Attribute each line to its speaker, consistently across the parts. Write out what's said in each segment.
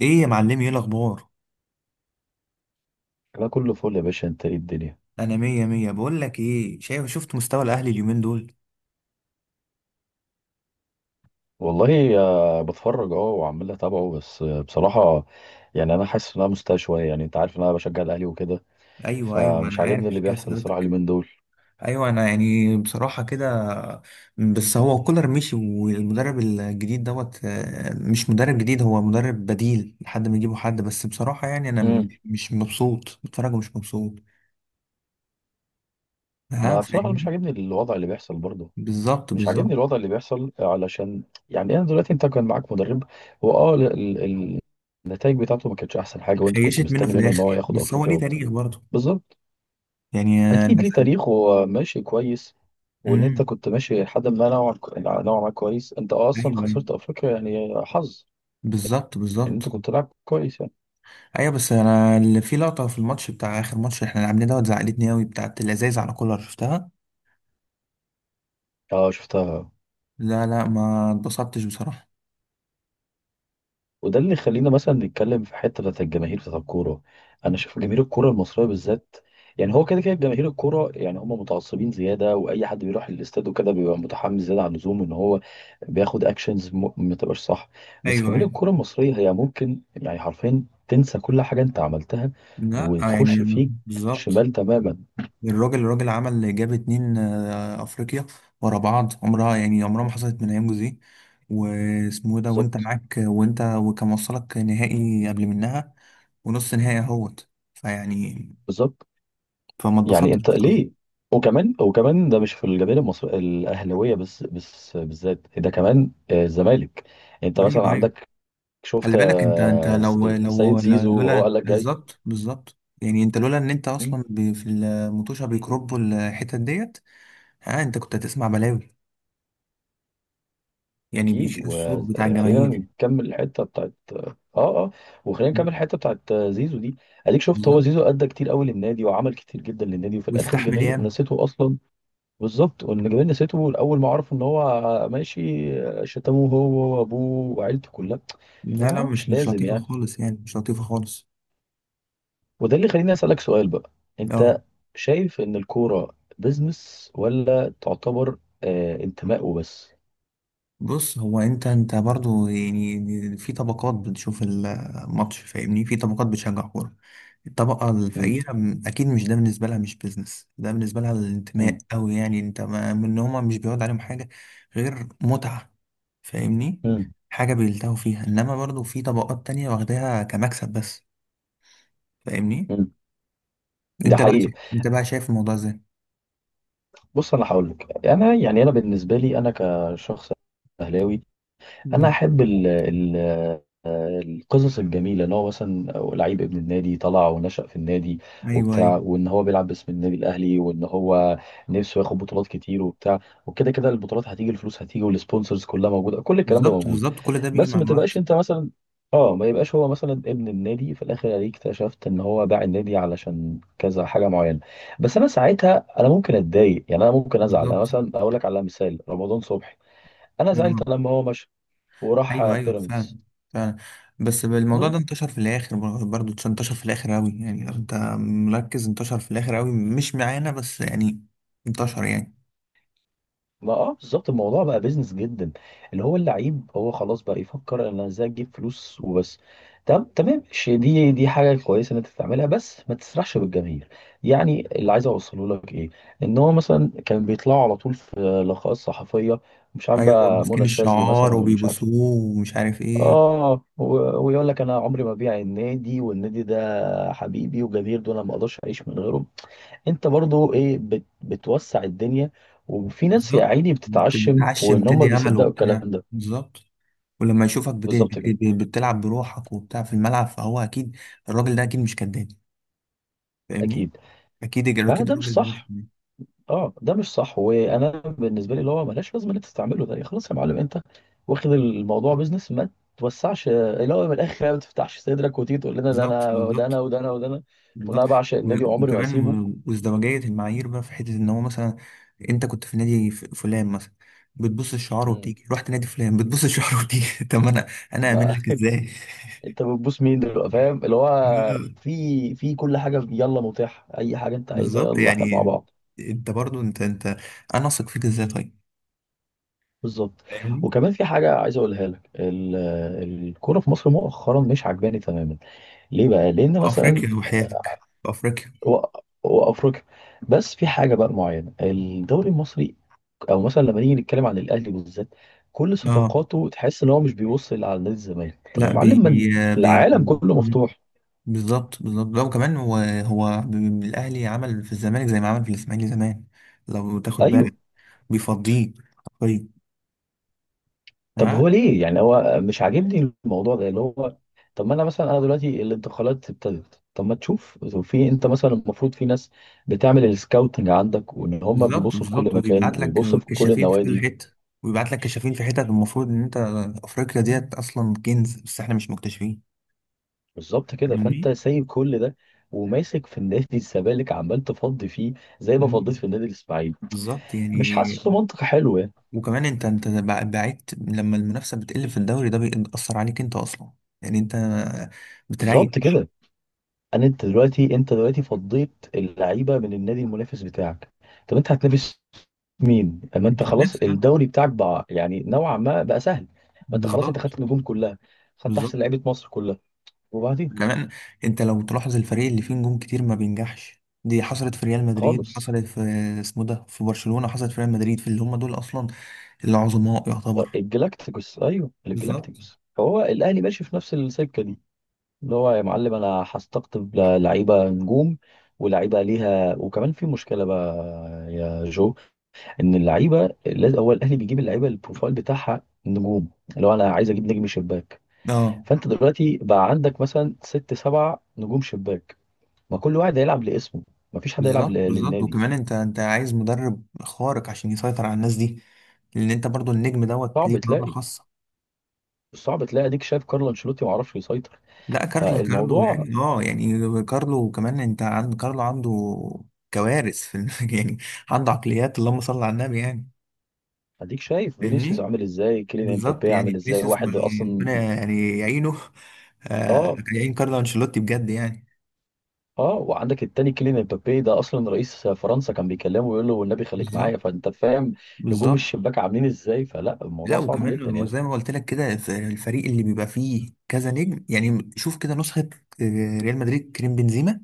Speaker 1: ايه يا معلمي؟ ايه الاخبار؟
Speaker 2: لا، كله فل يا باشا. انت ايه الدنيا؟
Speaker 1: انا مية مية. بقول لك ايه، شايف، شفت مستوى الاهلي اليومين دول؟
Speaker 2: والله بتفرج، وعمال اتابعه، بس بصراحة يعني انا حاسس ان انا مستاء شوية. يعني انت عارف ان انا بشجع الاهلي وكده.
Speaker 1: ايوه ايوه
Speaker 2: فمش
Speaker 1: انا عارف
Speaker 2: عاجبني
Speaker 1: عشان
Speaker 2: اللي
Speaker 1: كده
Speaker 2: بيحصل الصراحة
Speaker 1: سألتك.
Speaker 2: اليومين دول.
Speaker 1: ايوه، انا يعني بصراحة كده. بس هو كولر مشي والمدرب الجديد دوت مش مدرب جديد، هو مدرب بديل لحد ما يجيبوا حد. بس بصراحة يعني انا
Speaker 2: امم.
Speaker 1: مش مبسوط، بتفرج ومش مبسوط. ها،
Speaker 2: ما بصراحة أنا مش
Speaker 1: فاهمني؟
Speaker 2: عاجبني الوضع اللي بيحصل برضه.
Speaker 1: بالظبط
Speaker 2: مش
Speaker 1: بالظبط.
Speaker 2: عاجبني الوضع اللي بيحصل علشان يعني انا دلوقتي انت كان معاك مدرب، هو اه، النتائج بتاعته ما كانتش احسن حاجة، وانت كنت
Speaker 1: خيشت منه
Speaker 2: مستني
Speaker 1: في
Speaker 2: منه ان هو
Speaker 1: الاخر
Speaker 2: ياخد
Speaker 1: بس هو
Speaker 2: افريقيا
Speaker 1: ليه
Speaker 2: وبتاع.
Speaker 1: تاريخ برضه.
Speaker 2: بالظبط.
Speaker 1: يعني انا
Speaker 2: اكيد ليه
Speaker 1: زعلان.
Speaker 2: تاريخه، ماشي كويس. وان انت
Speaker 1: امم.
Speaker 2: كنت ماشي لحد ما نوعا ما كويس، انت اصلا
Speaker 1: ايوه ايوه.
Speaker 2: خسرت افريقيا، يعني حظ
Speaker 1: بالظبط
Speaker 2: ان انت
Speaker 1: بالظبط.
Speaker 2: كنت لاعب كويس يعني.
Speaker 1: ايوه بس انا اللي في لقطه في الماتش بتاع اخر ماتش احنا لعبناه دوت زعلتني قوي، بتاعت الازايز على كولر شفتها.
Speaker 2: اه شفتها.
Speaker 1: لا لا، ما اتبسطتش بصراحه.
Speaker 2: وده اللي يخلينا مثلا نتكلم في حته بتاعت الجماهير بتاعت الكوره. انا شايف جماهير الكوره المصريه بالذات، يعني هو كده كده جماهير الكوره، يعني هم متعصبين زياده، واي حد بيروح الاستاد وكده بيبقى متحمس زياده عن اللزوم ان هو بياخد اكشنز ما تبقاش صح. بس
Speaker 1: ايوه
Speaker 2: جماهير
Speaker 1: ايوه.
Speaker 2: الكوره المصريه هي ممكن يعني حرفيا تنسى كل حاجه انت عملتها
Speaker 1: لا يعني.
Speaker 2: وتخش فيك
Speaker 1: بالظبط.
Speaker 2: شمال تماما.
Speaker 1: الراجل الراجل عمل جاب اتنين افريقيا ورا بعض، عمرها يعني عمرها ما حصلت من ايام جوزيه واسمه إيه ده، وانت
Speaker 2: بالظبط
Speaker 1: معاك وانت وكان وصلك نهائي قبل منها ونص نهائي اهوت فيعني.
Speaker 2: بالظبط.
Speaker 1: فما
Speaker 2: يعني
Speaker 1: اتبسطتش
Speaker 2: انت
Speaker 1: بصراحة.
Speaker 2: ليه؟ وكمان ده مش في الجماهير المصريه الاهلاويه بس، بالذات ده كمان الزمالك. انت
Speaker 1: ايوه
Speaker 2: مثلا
Speaker 1: ايوه.
Speaker 2: عندك، شفت
Speaker 1: خلي بالك انت
Speaker 2: سيد زيزو وهو قال
Speaker 1: لولا،
Speaker 2: لك جاي.
Speaker 1: بالظبط بالظبط. يعني انت لولا ان انت اصلا في المطوشه بيكربوا الحتت ديت، ها انت كنت هتسمع بلاوي، يعني
Speaker 2: اكيد.
Speaker 1: بيشيل الصوت بتاع
Speaker 2: وخلينا
Speaker 1: الجماهير.
Speaker 2: نكمل الحته بتاعت وخلينا نكمل الحته بتاعت زيزو دي. اديك شفت هو
Speaker 1: بالظبط.
Speaker 2: زيزو ادى كتير قوي للنادي وعمل كتير جدا للنادي، وفي الاخر
Speaker 1: واستحمل
Speaker 2: الجماهير
Speaker 1: ياما.
Speaker 2: نسيته اصلا. بالظبط. واللي جابني سيرته الاول ما عرفوا ان هو ماشي، شتموه هو وابوه وعيلته كلها. طب
Speaker 1: لا
Speaker 2: يا
Speaker 1: لا،
Speaker 2: جماعه مش
Speaker 1: مش
Speaker 2: لازم
Speaker 1: لطيفه
Speaker 2: يعني.
Speaker 1: خالص يعني مش لطيفه خالص.
Speaker 2: وده اللي خليني اسالك سؤال بقى.
Speaker 1: اه.
Speaker 2: انت شايف ان الكوره بزنس، ولا تعتبر انتماء وبس؟
Speaker 1: بص، هو انت برضو يعني في طبقات بتشوف الماتش، فاهمني، في طبقات بتشجع كورة. الطبقة
Speaker 2: مم.
Speaker 1: الفقيرة، اكيد، مش ده بالنسبة لها مش بيزنس، ده بالنسبة لها الانتماء
Speaker 2: مم.
Speaker 1: أوي، يعني انت ما من إن هما مش بيعود عليهم حاجة غير متعة. فاهمني؟
Speaker 2: مم.
Speaker 1: حاجة بيلتهوا فيها، انما برضو في طبقات تانية واخداها كمكسب بس. فاهمني؟
Speaker 2: مم. ده
Speaker 1: انت بقى
Speaker 2: حقيقي.
Speaker 1: انت بقى شايف الموضوع ازاي؟
Speaker 2: بص انا هقول لك، انا يعني انا بالنسبه لي انا كشخص اهلاوي، انا
Speaker 1: مم.
Speaker 2: احب ال القصص الجميله، ان هو مثلا لعيب ابن النادي طلع ونشأ في النادي
Speaker 1: ايوه ايوه.
Speaker 2: وبتاع، وان هو بيلعب باسم النادي الاهلي، وان هو نفسه ياخد بطولات كتير وبتاع. وكده كده البطولات هتيجي، الفلوس هتيجي، والسبونسرز كلها موجوده، كل الكلام ده
Speaker 1: بالظبط
Speaker 2: موجود.
Speaker 1: بالظبط، كل ده بيجي
Speaker 2: بس
Speaker 1: مع
Speaker 2: ما تبقاش
Speaker 1: الوقت.
Speaker 2: انت مثلا، اه، ما يبقاش هو مثلا ابن النادي في الاخر عليك اكتشفت ان هو باع النادي علشان كذا حاجه معينه، بس انا ساعتها انا ممكن اتضايق، يعني انا ممكن ازعل. انا
Speaker 1: بالظبط.
Speaker 2: مثلا اقول لك على مثال رمضان صبحي، انا زعلت لما هو مشى وراح
Speaker 1: ايوه ايوه، فعلا.
Speaker 2: بيراميدز.
Speaker 1: فعلا. بس الموضوع
Speaker 2: بز-
Speaker 1: ده انتشر في الاخر، برضه انتشر في الاخر قوي، يعني لو انت مركز انتشر في الاخر قوي، مش معانا بس يعني، انتشر يعني.
Speaker 2: ما بالظبط، الموضوع بقى بيزنس جدا، اللي هو اللعيب هو خلاص بقى يفكر انا ازاي اجيب فلوس وبس. تم، تمام، ماشي، دي حاجه كويسه ان انت تعملها، بس ما تسرحش بالجماهير. يعني اللي عايز اوصله لك ايه، ان هو مثلا كان بيطلعوا على طول في لقاءات صحفيه، مش عارف
Speaker 1: ايوه،
Speaker 2: بقى منى
Speaker 1: ماسكين
Speaker 2: الشاذلي مثلا،
Speaker 1: الشعار
Speaker 2: مش عارف،
Speaker 1: وبيبوسوه ومش عارف ايه.
Speaker 2: اه ويقول لك انا عمري ما بيع النادي، والنادي ده حبيبي، وجماهير دول انا ما اقدرش اعيش من غيرهم. انت برضو ايه بتوسع الدنيا، وفي ناس يا
Speaker 1: بالظبط.
Speaker 2: عيني بتتعشم
Speaker 1: بتعشم،
Speaker 2: وان هم
Speaker 1: بتدي امل
Speaker 2: بيصدقوا الكلام
Speaker 1: وبتاع.
Speaker 2: ده.
Speaker 1: بالظبط. ولما يشوفك
Speaker 2: بالظبط كده.
Speaker 1: بتلعب بروحك وبتاع في الملعب، فهو اكيد الراجل ده اكيد مش كداب. فاهمني؟
Speaker 2: اكيد.
Speaker 1: اكيد اكيد.
Speaker 2: فده مش
Speaker 1: الراجل ده مش
Speaker 2: صح.
Speaker 1: كداب.
Speaker 2: اه ده مش صح، وانا بالنسبه لي اللي هو ملهاش لازمه ان انت تستعمله ده. خلاص يا معلم انت واخد الموضوع بيزنس، ما توسعش، اللي هو من الاخر يعني ما تفتحش صدرك وتيجي تقول لنا ده
Speaker 1: بالظبط.
Speaker 2: انا ده انا
Speaker 1: بالظبط
Speaker 2: وده انا وده انا
Speaker 1: بالظبط.
Speaker 2: وانا بعشق النادي وعمري ما هسيبه.
Speaker 1: وكمان، وازدواجية المعايير بقى في حتة إن هو مثلا أنت كنت في نادي فلان مثلا، بتبص الشعار
Speaker 2: مم.
Speaker 1: وبتيجي، رحت نادي فلان بتبص الشعار وبتيجي طب أنا أأمن
Speaker 2: بقى
Speaker 1: لك إزاي؟
Speaker 2: انت بتبوس مين دلوقتي؟ فاهم اللي هو، في كل حاجه يلا متاح، اي حاجه انت عايزها
Speaker 1: بالظبط
Speaker 2: يلا احنا مع
Speaker 1: يعني.
Speaker 2: بعض.
Speaker 1: أنت برضو أنت. أنا أثق فيك إزاي طيب؟
Speaker 2: بالظبط.
Speaker 1: فاهمني؟
Speaker 2: وكمان في حاجه عايز اقولها لك، الكوره في مصر مؤخرا مش عجباني تماما. ليه بقى؟ لان
Speaker 1: في
Speaker 2: مثلا
Speaker 1: أفريقيا وحياتك في أفريقيا.
Speaker 2: و- وافريقيا، بس في حاجه بقى معينه الدوري المصري، او مثلا لما نيجي نتكلم عن الاهلي بالذات، كل
Speaker 1: اه
Speaker 2: صفقاته تحس ان هو مش بيوصل على نادي الزمالك،
Speaker 1: لا،
Speaker 2: تمام
Speaker 1: بي
Speaker 2: معلم؟ ما
Speaker 1: بي, بي.
Speaker 2: العالم كله
Speaker 1: مم.
Speaker 2: مفتوح.
Speaker 1: بالظبط بالظبط. لا وكمان هو، هو الاهلي عمل في الزمالك زي ما عمل في الاسماعيلي زمان، لو تاخد بالك
Speaker 2: ايوه.
Speaker 1: بيفضيه حرفيا.
Speaker 2: طب
Speaker 1: ها،
Speaker 2: هو ليه؟ يعني هو مش عاجبني الموضوع ده، اللي هو طب ما انا مثلا انا دلوقتي الانتقالات ابتدت، طب ما تشوف في، انت مثلا المفروض في ناس بتعمل السكاوتنج عندك وان هم
Speaker 1: بالظبط
Speaker 2: بيبصوا في كل
Speaker 1: بالظبط،
Speaker 2: مكان
Speaker 1: ويبعت لك
Speaker 2: ويبصوا في كل
Speaker 1: كشافين في كل
Speaker 2: النوادي.
Speaker 1: حته، ويبعت لك كشافين في حتت، المفروض ان انت افريقيا ديت اصلا كنز بس احنا مش مكتشفين.
Speaker 2: بالظبط كده. فانت
Speaker 1: فاهمني؟
Speaker 2: سايب كل ده وماسك في النادي الزمالك عمال تفضي فيه، زي ما فضيت
Speaker 1: مم.
Speaker 2: في النادي الاسماعيلي.
Speaker 1: بالظبط
Speaker 2: مش
Speaker 1: يعني.
Speaker 2: حاسس منطق حلو يعني.
Speaker 1: وكمان انت بعدت لما المنافسه بتقل في الدوري ده بيأثر عليك انت اصلا. يعني انت بتريح،
Speaker 2: بالظبط كده. انت دلوقتي فضيت اللعيبه من النادي المنافس بتاعك، طب انت هتنافس مين اما انت
Speaker 1: مش
Speaker 2: خلاص
Speaker 1: هتنافس حد.
Speaker 2: الدوري بتاعك بقى يعني نوعا ما بقى سهل؟ ما انت خلاص، انت
Speaker 1: بالظبط.
Speaker 2: خدت النجوم كلها، خدت احسن
Speaker 1: بالظبط.
Speaker 2: لعيبه مصر كلها. وبعدين
Speaker 1: كمان، انت لو تلاحظ الفريق اللي فيه نجوم كتير ما بينجحش، دي حصلت في ريال مدريد،
Speaker 2: خالص
Speaker 1: حصلت في اسمه ده في برشلونة، حصلت في ريال مدريد، في اللي هم دول اصلا العظماء يعتبر.
Speaker 2: الجلاكتيكوس، ايوه
Speaker 1: بالظبط.
Speaker 2: الجلاكتيكوس. فهو الاهلي ماشي في نفس السكه دي، اللي هو يا معلم انا هستقطب لعيبه نجوم، ولعيبه ليها. وكمان في مشكله بقى يا جو، ان اللعيبه لازم، هو الاهلي بيجيب اللعيبه البروفايل بتاعها نجوم. لو انا عايز اجيب نجم شباك،
Speaker 1: اه.
Speaker 2: فانت دلوقتي بقى عندك مثلا ست سبع نجوم شباك، ما كل واحد هيلعب لاسمه، ما فيش حد هيلعب
Speaker 1: بالظبط بالظبط.
Speaker 2: للنادي.
Speaker 1: وكمان انت عايز مدرب خارق عشان يسيطر على الناس دي، لان انت برضو النجم دوت
Speaker 2: صعب
Speaker 1: ليه معاملة
Speaker 2: تلاقي،
Speaker 1: خاصة.
Speaker 2: صعب تلاقي. اديك شايف كارلو انشيلوتي ما عرفش يسيطر.
Speaker 1: لا، كارلو كارلو
Speaker 2: فالموضوع،
Speaker 1: يعني، اه يعني كارلو كمان انت، عند كارلو عنده كوارث في يعني. عنده عقليات اللهم صل على النبي يعني.
Speaker 2: اديك شايف فينيسيوس
Speaker 1: فاهمني؟
Speaker 2: عامل ازاي، كيليان
Speaker 1: بالظبط
Speaker 2: امبابي عامل
Speaker 1: يعني.
Speaker 2: ازاي،
Speaker 1: فينيسيوس
Speaker 2: واحد اصلا.
Speaker 1: ربنا يعني يعينه. آه،
Speaker 2: اه
Speaker 1: كان يعين كارلو انشيلوتي بجد يعني.
Speaker 2: اه وعندك التاني كيليان امبابي، ده اصلا رئيس فرنسا كان بيكلمه ويقول له والنبي خليك معايا،
Speaker 1: بالظبط
Speaker 2: فانت فاهم نجوم
Speaker 1: بالظبط.
Speaker 2: الشباك عاملين ازاي. فلا
Speaker 1: لا
Speaker 2: الموضوع صعب
Speaker 1: وكمان،
Speaker 2: جدا يعني.
Speaker 1: وزي ما قلت لك كده، الفريق اللي بيبقى فيه كذا نجم يعني، شوف كده نسخة ريال مدريد. كريم بنزيما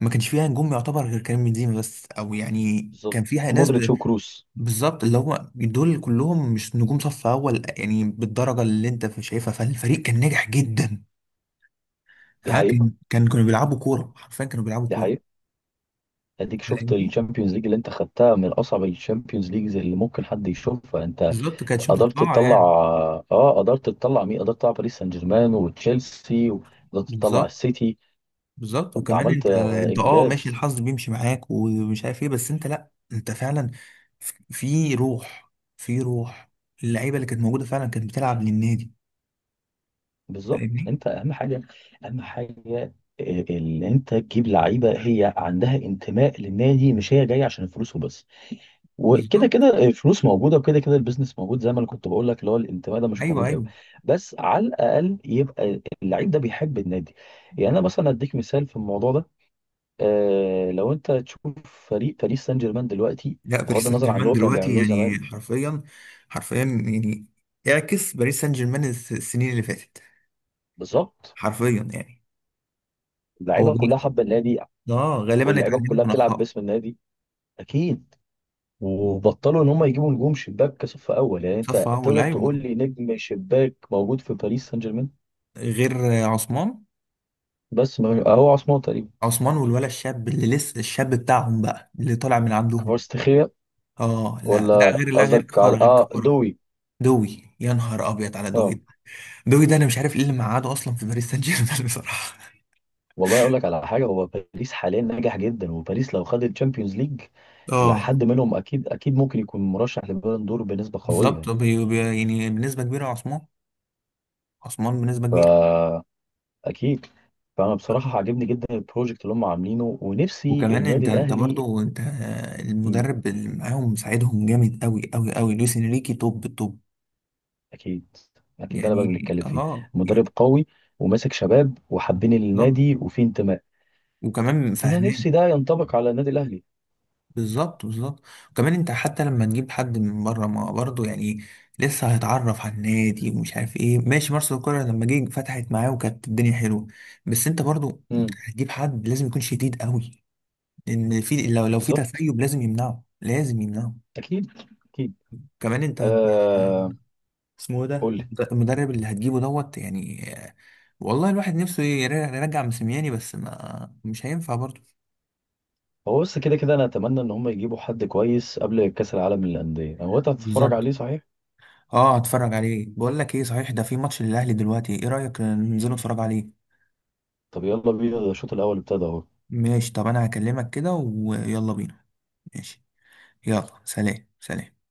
Speaker 1: ما كانش فيها نجوم يعتبر غير كريم بنزيما بس، او يعني كان
Speaker 2: بالظبط،
Speaker 1: فيها ناس
Speaker 2: مودريتش وكروس.
Speaker 1: بالظبط. اللي هم دول كلهم مش نجوم صف اول، يعني بالدرجة اللي انت شايفها، فالفريق كان ناجح جدا.
Speaker 2: دي
Speaker 1: ها،
Speaker 2: حقيقة،
Speaker 1: كان كانوا بيلعبوا كورة، حرفيا كانوا بيلعبوا
Speaker 2: دي
Speaker 1: كورة.
Speaker 2: حقيقة. اديك شفت
Speaker 1: فاهمني؟
Speaker 2: الشامبيونز ليج اللي انت خدتها من اصعب الشامبيونز ليجز اللي ممكن حد يشوفها. انت
Speaker 1: بالظبط، كانتش
Speaker 2: قدرت
Speaker 1: متوقعه
Speaker 2: تطلع،
Speaker 1: يعني.
Speaker 2: اه قدرت تطلع، مين قدرت تطلع؟ باريس سان جيرمان وتشيلسي، وقدرت تطلع
Speaker 1: بالظبط
Speaker 2: السيتي.
Speaker 1: بالظبط.
Speaker 2: فانت
Speaker 1: وكمان
Speaker 2: عملت
Speaker 1: انت انت اه، ماشي
Speaker 2: انجاز.
Speaker 1: الحظ بيمشي معاك ومش عارف ايه، بس انت لا، انت فعلا في روح. في روح، اللعيبه اللي كانت موجوده فعلا كانت بتلعب للنادي.
Speaker 2: بالظبط.
Speaker 1: فاهمني؟
Speaker 2: انت اهم حاجه، اهم حاجه، ان انت تجيب لعيبه هي عندها انتماء للنادي، مش هي جايه عشان الفلوس وبس. وكده
Speaker 1: بالظبط.
Speaker 2: كده الفلوس موجوده، وكده كده البيزنس موجود، زي ما انا كنت بقول لك، اللي هو الانتماء ده مش
Speaker 1: ايوه
Speaker 2: موجود قوي.
Speaker 1: ايوه.
Speaker 2: بس على الاقل يبقى اللعيب ده بيحب النادي. يعني انا مثلا اديك مثال في الموضوع ده، لو انت تشوف فريق باريس سان جيرمان دلوقتي،
Speaker 1: لا،
Speaker 2: بغض
Speaker 1: باريس سان
Speaker 2: النظر عن اللي
Speaker 1: جيرمان
Speaker 2: هو كان
Speaker 1: دلوقتي
Speaker 2: بيعملوه زمان.
Speaker 1: يعني حرفيا، حرفيا يعني. اعكس باريس سان جيرمان السنين اللي فاتت،
Speaker 2: بالظبط.
Speaker 1: حرفيا يعني. هو
Speaker 2: اللعيبه كلها حابه النادي،
Speaker 1: اه غالبا
Speaker 2: واللعيبه
Speaker 1: اتعلموا
Speaker 2: كلها
Speaker 1: من
Speaker 2: بتلعب
Speaker 1: اخطائه.
Speaker 2: باسم النادي. اكيد. وبطلوا ان هم يجيبوا نجوم شباك كصف اول، يعني انت
Speaker 1: صف اول،
Speaker 2: تقدر تقول
Speaker 1: ايوه.
Speaker 2: لي نجم شباك موجود في باريس سان جيرمان؟
Speaker 1: غير عثمان.
Speaker 2: بس ما اهو عثمان تقريبا.
Speaker 1: عثمان والولا الشاب اللي لسه، الشاب بتاعهم بقى اللي طالع من عندهم.
Speaker 2: كفاراتسخيليا.
Speaker 1: اه لا لا
Speaker 2: ولا
Speaker 1: غير، لا غير
Speaker 2: قصدك على
Speaker 1: كفاره، غير كفاره.
Speaker 2: دوي.
Speaker 1: دوي، يا نهار ابيض على دوي
Speaker 2: اه.
Speaker 1: ده. دوي ده انا مش عارف ايه اللي مقعده اصلا في باريس سان جيرمان بصراحه.
Speaker 2: والله اقول لك على حاجه، هو باريس حاليا ناجح جدا، وباريس لو خد الشامبيونز ليج الى
Speaker 1: اه،
Speaker 2: حد منهم اكيد اكيد ممكن يكون مرشح لبالون دور بنسبه قويه.
Speaker 1: بالظبط. يعني بنسبه كبيره، عثمان. عثمان بنسبه كبيره.
Speaker 2: فا اكيد. فانا بصراحه عاجبني جدا البروجكت اللي هم عاملينه، ونفسي
Speaker 1: وكمان
Speaker 2: النادي
Speaker 1: انت
Speaker 2: الاهلي.
Speaker 1: برضو انت، المدرب اللي معاهم مساعدهم جامد قوي قوي قوي، لويس انريكي توب توب.
Speaker 2: اكيد اكيد. ده اللي بقى
Speaker 1: يعني
Speaker 2: بنتكلم فيه،
Speaker 1: اه
Speaker 2: مدرب
Speaker 1: يعني،
Speaker 2: قوي وماسك شباب وحابين
Speaker 1: بالظبط
Speaker 2: النادي وفيه انتماء.
Speaker 1: وكمان
Speaker 2: انا
Speaker 1: فاهمان.
Speaker 2: نفسي ده ينطبق على النادي الاهلي.
Speaker 1: بالظبط بالظبط. وكمان انت حتى لما تجيب حد من بره ما برضه يعني، لسه هيتعرف على النادي ومش عارف ايه، ماشي مارسيل كولر لما جه فتحت معاه وكانت الدنيا حلوه. بس انت برضه
Speaker 2: امم.
Speaker 1: هتجيب حد لازم يكون شديد قوي، لان في، لو في
Speaker 2: بالظبط.
Speaker 1: تسيب لازم يمنعه، لازم يمنعه.
Speaker 2: اكيد اكيد.
Speaker 1: كمان
Speaker 2: آه
Speaker 1: اسمه ده،
Speaker 2: قول لي.
Speaker 1: المدرب اللي هتجيبه دوت يعني والله الواحد نفسه يرجع مسمياني بس ما مش هينفع برضه.
Speaker 2: هو بس كده كده انا اتمنى ان هم يجيبوا حد كويس قبل كاس العالم للانديه، انا وقتها هتتفرج
Speaker 1: بالظبط.
Speaker 2: عليه صحيح.
Speaker 1: اه، هتفرج عليه. بقول لك ايه صحيح، ده في ماتش للاهلي دلوقتي، ايه رايك ننزل نتفرج عليه؟
Speaker 2: طب يلا بينا، ده الشوط الاول ابتدى اهو.
Speaker 1: ماشي، طب انا هكلمك كده ويلا بينا. ماشي. يلا، سلام سلام.